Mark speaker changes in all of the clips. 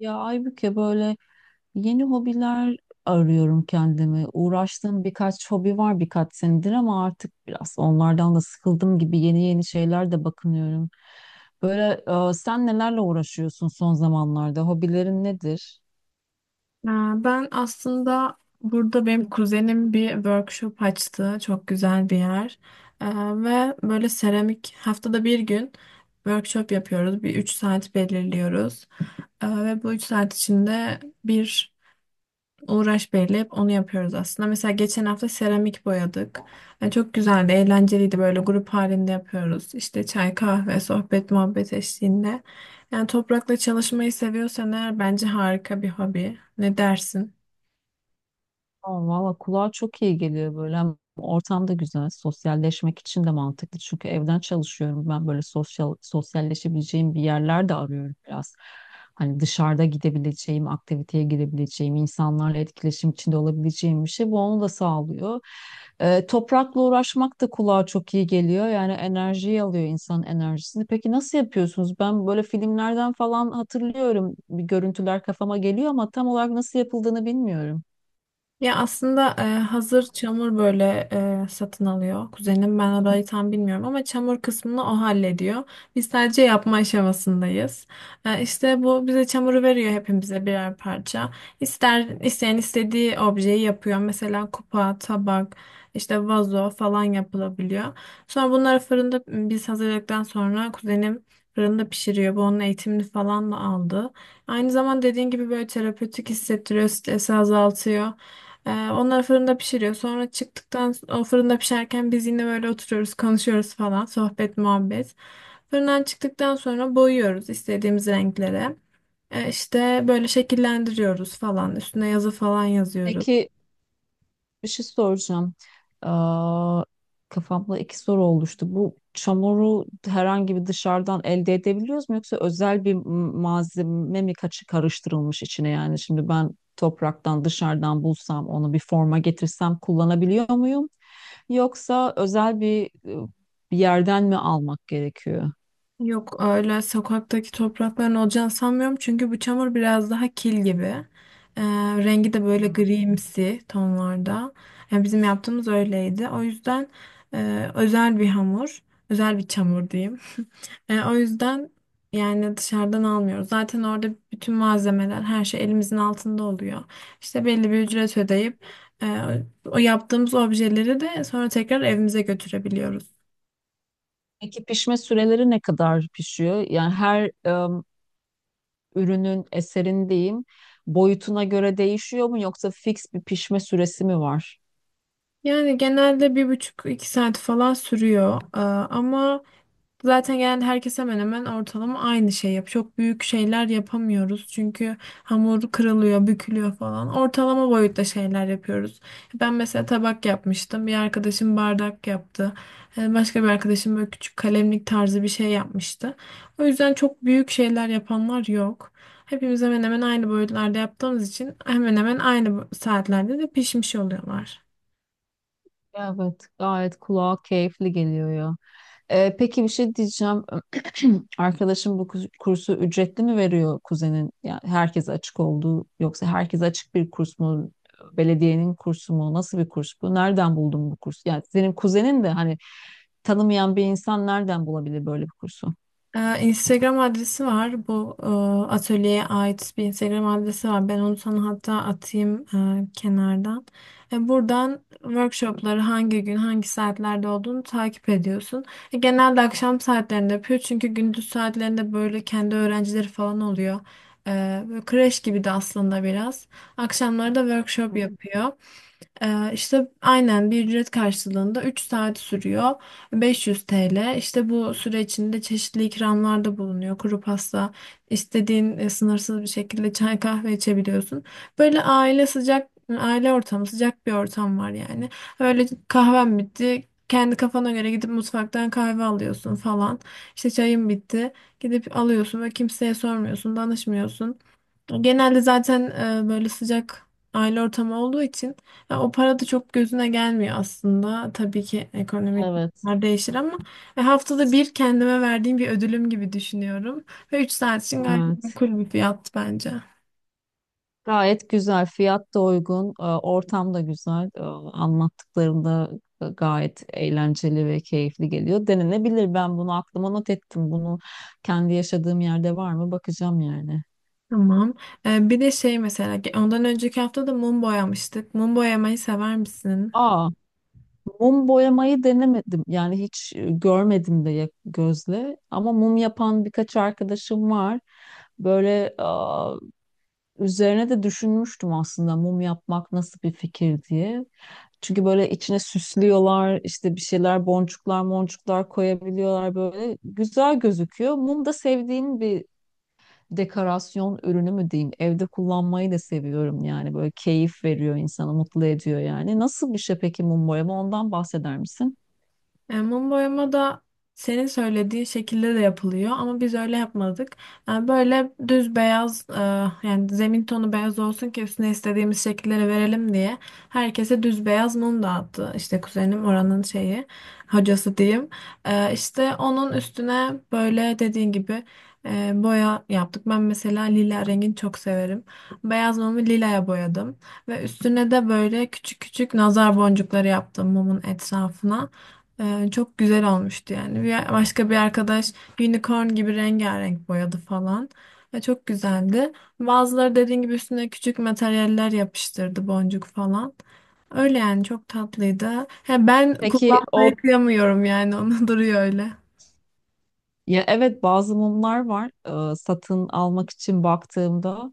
Speaker 1: Ya Aybüke böyle yeni hobiler arıyorum kendime. Uğraştığım birkaç hobi var birkaç senedir ama artık biraz onlardan da sıkıldım gibi yeni yeni şeyler de bakınıyorum. Böyle sen nelerle uğraşıyorsun son zamanlarda? Hobilerin nedir?
Speaker 2: Ee, Ben aslında burada benim kuzenim bir workshop açtı. Çok güzel bir yer. Ee, Ve böyle seramik haftada bir gün workshop yapıyoruz. Bir 3 saat belirliyoruz. Ve bu 3 saat içinde bir uğraş belirleyip onu yapıyoruz aslında. Mesela geçen hafta seramik boyadık. Yani çok güzeldi, eğlenceliydi. Böyle grup halinde yapıyoruz. İşte çay, kahve, sohbet, muhabbet eşliğinde. Yani toprakla çalışmayı seviyorsan eğer bence harika bir hobi. Ne dersin?
Speaker 1: Valla kulağa çok iyi geliyor böyle. Hem ortam da güzel. Sosyalleşmek için de mantıklı. Çünkü evden çalışıyorum. Ben böyle sosyalleşebileceğim bir yerler de arıyorum biraz. Hani dışarıda gidebileceğim, aktiviteye girebileceğim, insanlarla etkileşim içinde olabileceğim bir şey. Bu onu da sağlıyor. Toprakla uğraşmak da kulağa çok iyi geliyor. Yani enerjiyi alıyor insanın enerjisini. Peki nasıl yapıyorsunuz? Ben böyle filmlerden falan hatırlıyorum. Bir görüntüler kafama geliyor ama tam olarak nasıl yapıldığını bilmiyorum.
Speaker 2: Ya aslında hazır çamur böyle satın alıyor kuzenim. Ben orayı tam bilmiyorum ama çamur kısmını o hallediyor. Biz sadece yapma aşamasındayız. İşte bu bize çamuru veriyor hepimize birer parça. İster isteyen istediği objeyi yapıyor. Mesela kupa, tabak, işte vazo falan yapılabiliyor. Sonra bunları biz hazırladıktan sonra kuzenim fırında pişiriyor. Bu onun eğitimini falan da aldı. Aynı zaman dediğin gibi böyle terapötik hissettiriyor, stresi azaltıyor. Onlar fırında pişiriyor. Sonra çıktıktan o fırında pişerken biz yine böyle oturuyoruz, konuşuyoruz falan. Sohbet, muhabbet. Fırından çıktıktan sonra boyuyoruz istediğimiz renklere. İşte böyle şekillendiriyoruz falan. Üstüne yazı falan yazıyoruz.
Speaker 1: Peki, bir şey soracağım. Aa, Kafamda iki soru oluştu. Bu çamuru herhangi bir dışarıdan elde edebiliyoruz mu yoksa özel bir malzeme mi kaçı karıştırılmış içine, yani şimdi ben topraktan dışarıdan bulsam onu bir forma getirsem kullanabiliyor muyum? Yoksa özel bir, bir yerden mi almak gerekiyor?
Speaker 2: Yok öyle sokaktaki toprakların olacağını sanmıyorum. Çünkü bu çamur biraz daha kil gibi. Ee, Rengi de böyle
Speaker 1: Hmm.
Speaker 2: grimsi tonlarda. Yani bizim yaptığımız öyleydi. O yüzden özel bir hamur, özel bir çamur diyeyim. O yüzden yani dışarıdan almıyoruz. Zaten orada bütün malzemeler, her şey elimizin altında oluyor. İşte belli bir ücret ödeyip e, o yaptığımız objeleri de sonra tekrar evimize götürebiliyoruz.
Speaker 1: Peki pişme süreleri ne kadar pişiyor? Yani her ürünün, eserin diyeyim, boyutuna göre değişiyor mu yoksa fix bir pişme süresi mi var?
Speaker 2: Yani genelde bir buçuk iki saat falan sürüyor. Ama zaten genelde herkes hemen hemen ortalama aynı şey yap. Çok büyük şeyler yapamıyoruz. Çünkü hamur kırılıyor, bükülüyor falan. Ortalama boyutta şeyler yapıyoruz. Ben mesela tabak yapmıştım. Bir arkadaşım bardak yaptı. Başka bir arkadaşım böyle küçük kalemlik tarzı bir şey yapmıştı. O yüzden çok büyük şeyler yapanlar yok. Hepimiz hemen hemen aynı boyutlarda yaptığımız için hemen hemen aynı saatlerde de pişmiş oluyorlar.
Speaker 1: Evet, gayet kulağa keyifli geliyor ya. Peki bir şey diyeceğim. Arkadaşım bu kursu ücretli mi veriyor kuzenin? Yani herkese açık olduğu yoksa herkese açık bir kurs mu? Belediyenin kursu mu? Nasıl bir kurs bu? Nereden buldun bu kursu? Yani senin kuzenin de hani tanımayan bir insan nereden bulabilir böyle bir kursu?
Speaker 2: Instagram adresi var. Bu atölyeye ait bir Instagram adresi var. Ben onu sana hatta atayım kenardan. Buradan workshopları hangi gün, hangi saatlerde olduğunu takip ediyorsun. Genelde akşam saatlerinde yapıyor. Çünkü gündüz saatlerinde böyle kendi öğrencileri falan oluyor. Böyle kreş gibi de aslında biraz. Akşamları da workshop
Speaker 1: Hı hı.
Speaker 2: yapıyor. İşte aynen bir ücret karşılığında 3 saat sürüyor. 500 TL. İşte bu süre içinde çeşitli ikramlarda bulunuyor. Kuru pasta, istediğin sınırsız bir şekilde çay kahve içebiliyorsun. Böyle aile sıcak, aile ortamı sıcak bir ortam var yani. Öyle kahven bitti. Kendi kafana göre gidip mutfaktan kahve alıyorsun falan. İşte çayın bitti. Gidip alıyorsun ve kimseye sormuyorsun, danışmıyorsun. Genelde zaten böyle sıcak aile ortamı olduğu için ya o para da çok gözüne gelmiyor aslında. Tabii ki ekonomik
Speaker 1: Evet.
Speaker 2: bunlar değişir ama haftada bir kendime verdiğim bir ödülüm gibi düşünüyorum. Ve 3 saat için gayet
Speaker 1: Evet.
Speaker 2: makul bir fiyat bence.
Speaker 1: Gayet güzel, fiyat da uygun, ortam da güzel. Anlattıklarında gayet eğlenceli ve keyifli geliyor. Denenebilir. Ben bunu aklıma not ettim. Bunu kendi yaşadığım yerde var mı bakacağım yani.
Speaker 2: Tamam. Bir de şey mesela ondan önceki hafta da mum boyamıştık. Mum boyamayı sever misin?
Speaker 1: Aa, Mum boyamayı denemedim. Yani hiç görmedim de gözle. Ama mum yapan birkaç arkadaşım var. Böyle üzerine de düşünmüştüm aslında mum yapmak nasıl bir fikir diye. Çünkü böyle içine süslüyorlar, işte bir şeyler, boncuklar, moncuklar koyabiliyorlar böyle. Güzel gözüküyor. Mum da sevdiğim bir dekorasyon ürünü mü diyeyim. Evde kullanmayı da seviyorum yani. Böyle keyif veriyor insanı, mutlu ediyor yani. Nasıl bir şey peki mum boyama? Ondan bahseder misin?
Speaker 2: Mum boyama da senin söylediğin şekilde de yapılıyor ama biz öyle yapmadık. Böyle düz beyaz yani zemin tonu beyaz olsun ki üstüne istediğimiz şekilleri verelim diye herkese düz beyaz mum dağıttı. İşte kuzenim oranın şeyi hocası diyeyim. İşte onun üstüne böyle dediğin gibi boya yaptık. Ben mesela lila rengini çok severim. Beyaz mumu lilaya boyadım ve üstüne de böyle küçük küçük nazar boncukları yaptım mumun etrafına. Çok güzel olmuştu yani. Bir, başka bir arkadaş unicorn gibi rengarenk boyadı falan. Ve çok güzeldi. Bazıları dediğin gibi üstüne küçük materyaller yapıştırdı boncuk falan. Öyle yani çok tatlıydı. Ha, ben
Speaker 1: Peki
Speaker 2: kullanmaya
Speaker 1: o,
Speaker 2: kıyamıyorum yani onu. Duruyor öyle.
Speaker 1: ya evet bazı mumlar var. Satın almak için baktığımda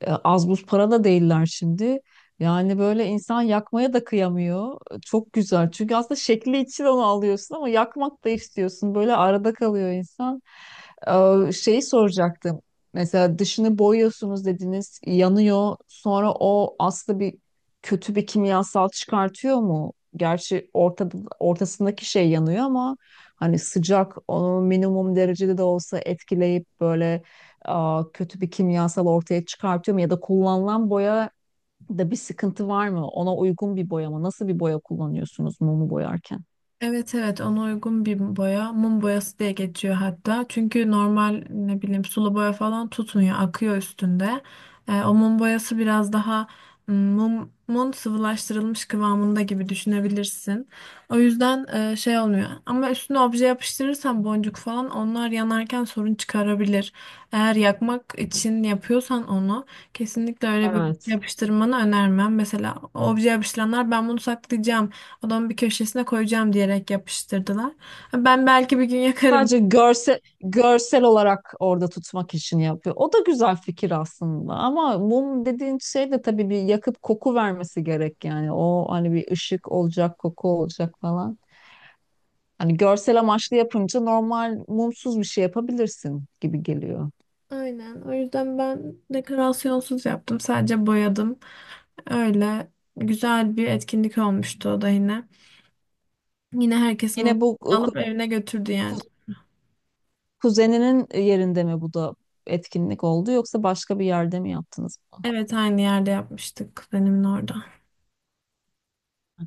Speaker 1: az buz para da değiller şimdi. Yani böyle insan yakmaya da kıyamıyor. E, çok güzel. Çünkü aslında şekli için onu alıyorsun ama yakmak da istiyorsun. Böyle arada kalıyor insan. Şeyi soracaktım. Mesela dışını boyuyorsunuz dediniz, yanıyor. Sonra o aslında kötü bir kimyasal çıkartıyor mu? Gerçi ortasındaki şey yanıyor ama hani sıcak onu minimum derecede de olsa etkileyip böyle kötü bir kimyasal ortaya çıkartıyor mu? Ya da kullanılan boya da bir sıkıntı var mı? Ona uygun bir boya mı? Nasıl bir boya kullanıyorsunuz mumu boyarken?
Speaker 2: Evet evet, ona uygun bir boya. Mum boyası diye geçiyor hatta. Çünkü normal ne bileyim sulu boya falan tutmuyor. Akıyor üstünde. O mum boyası biraz daha mumun sıvılaştırılmış kıvamında gibi düşünebilirsin. O yüzden şey olmuyor. Ama üstüne obje yapıştırırsan boncuk falan onlar yanarken sorun çıkarabilir. Eğer yakmak için yapıyorsan onu kesinlikle öyle bir
Speaker 1: Evet.
Speaker 2: yapıştırmanı önermem. Mesela obje yapıştıranlar ben bunu saklayacağım odamın bir köşesine koyacağım diyerek yapıştırdılar. Ben belki bir gün yakarım.
Speaker 1: Sadece görsel olarak orada tutmak için yapıyor. O da güzel fikir aslında ama mum dediğin şey de tabii bir yakıp koku vermesi gerek yani. O hani bir ışık olacak, koku olacak falan. Hani görsel amaçlı yapınca normal mumsuz bir şey yapabilirsin gibi geliyor.
Speaker 2: Aynen. O yüzden ben dekorasyonsuz yaptım. Sadece boyadım. Öyle güzel bir etkinlik olmuştu o da yine. Yine herkesin onu
Speaker 1: Yine bu
Speaker 2: alıp evine götürdü yani.
Speaker 1: ku- kuzeninin yerinde mi bu da etkinlik oldu yoksa başka bir yerde mi yaptınız?
Speaker 2: Evet aynı yerde yapmıştık benim orada.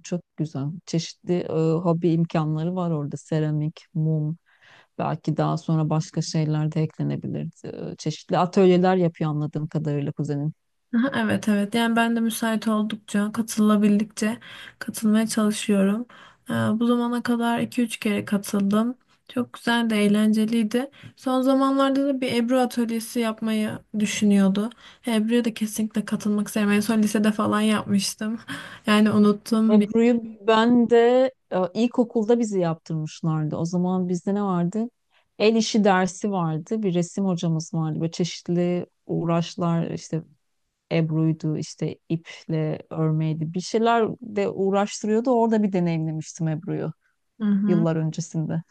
Speaker 1: Çok güzel. Çeşitli hobi imkanları var orada. Seramik, mum. Belki daha sonra başka şeyler de eklenebilirdi. Çeşitli atölyeler yapıyor anladığım kadarıyla kuzenim.
Speaker 2: Aha, evet evet, yani ben de müsait oldukça katılabildikçe katılmaya çalışıyorum. Bu zamana kadar iki üç kere katıldım. Çok güzel de eğlenceliydi. Son zamanlarda da bir Ebru atölyesi yapmayı düşünüyordu. Ebru'ya da kesinlikle katılmak isterim. En son lisede falan yapmıştım. Yani unuttum bir.
Speaker 1: Ebru'yu ben de ilkokulda bizi yaptırmışlardı. O zaman bizde ne vardı? El işi dersi vardı. Bir resim hocamız vardı. Böyle çeşitli uğraşlar işte Ebru'ydu işte iple örmeydi. Bir şeyler de uğraştırıyordu. Orada bir deneyimlemiştim Ebru'yu,
Speaker 2: Hı hı.
Speaker 1: yıllar öncesinde.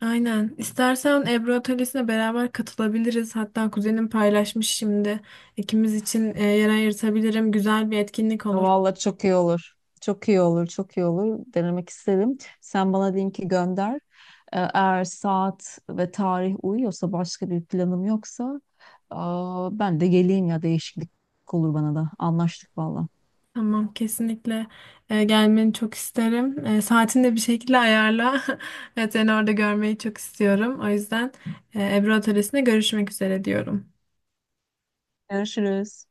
Speaker 2: Aynen. İstersen Ebru atölyesine beraber katılabiliriz. Hatta kuzenim paylaşmış şimdi. İkimiz için yer ayırtabilirim. Güzel bir etkinlik olur.
Speaker 1: Vallahi çok iyi olur. Çok iyi olur, çok iyi olur. Denemek isterim. Sen bana linki gönder. Eğer saat ve tarih uyuyorsa, başka bir planım yoksa, ben de geleyim, ya değişiklik olur bana da. Anlaştık valla.
Speaker 2: Tamam, kesinlikle gelmeni çok isterim. Saatini de bir şekilde ayarla. Evet, seni orada görmeyi çok istiyorum. O yüzden Ebru Atölyesi'nde görüşmek üzere diyorum.
Speaker 1: Görüşürüz.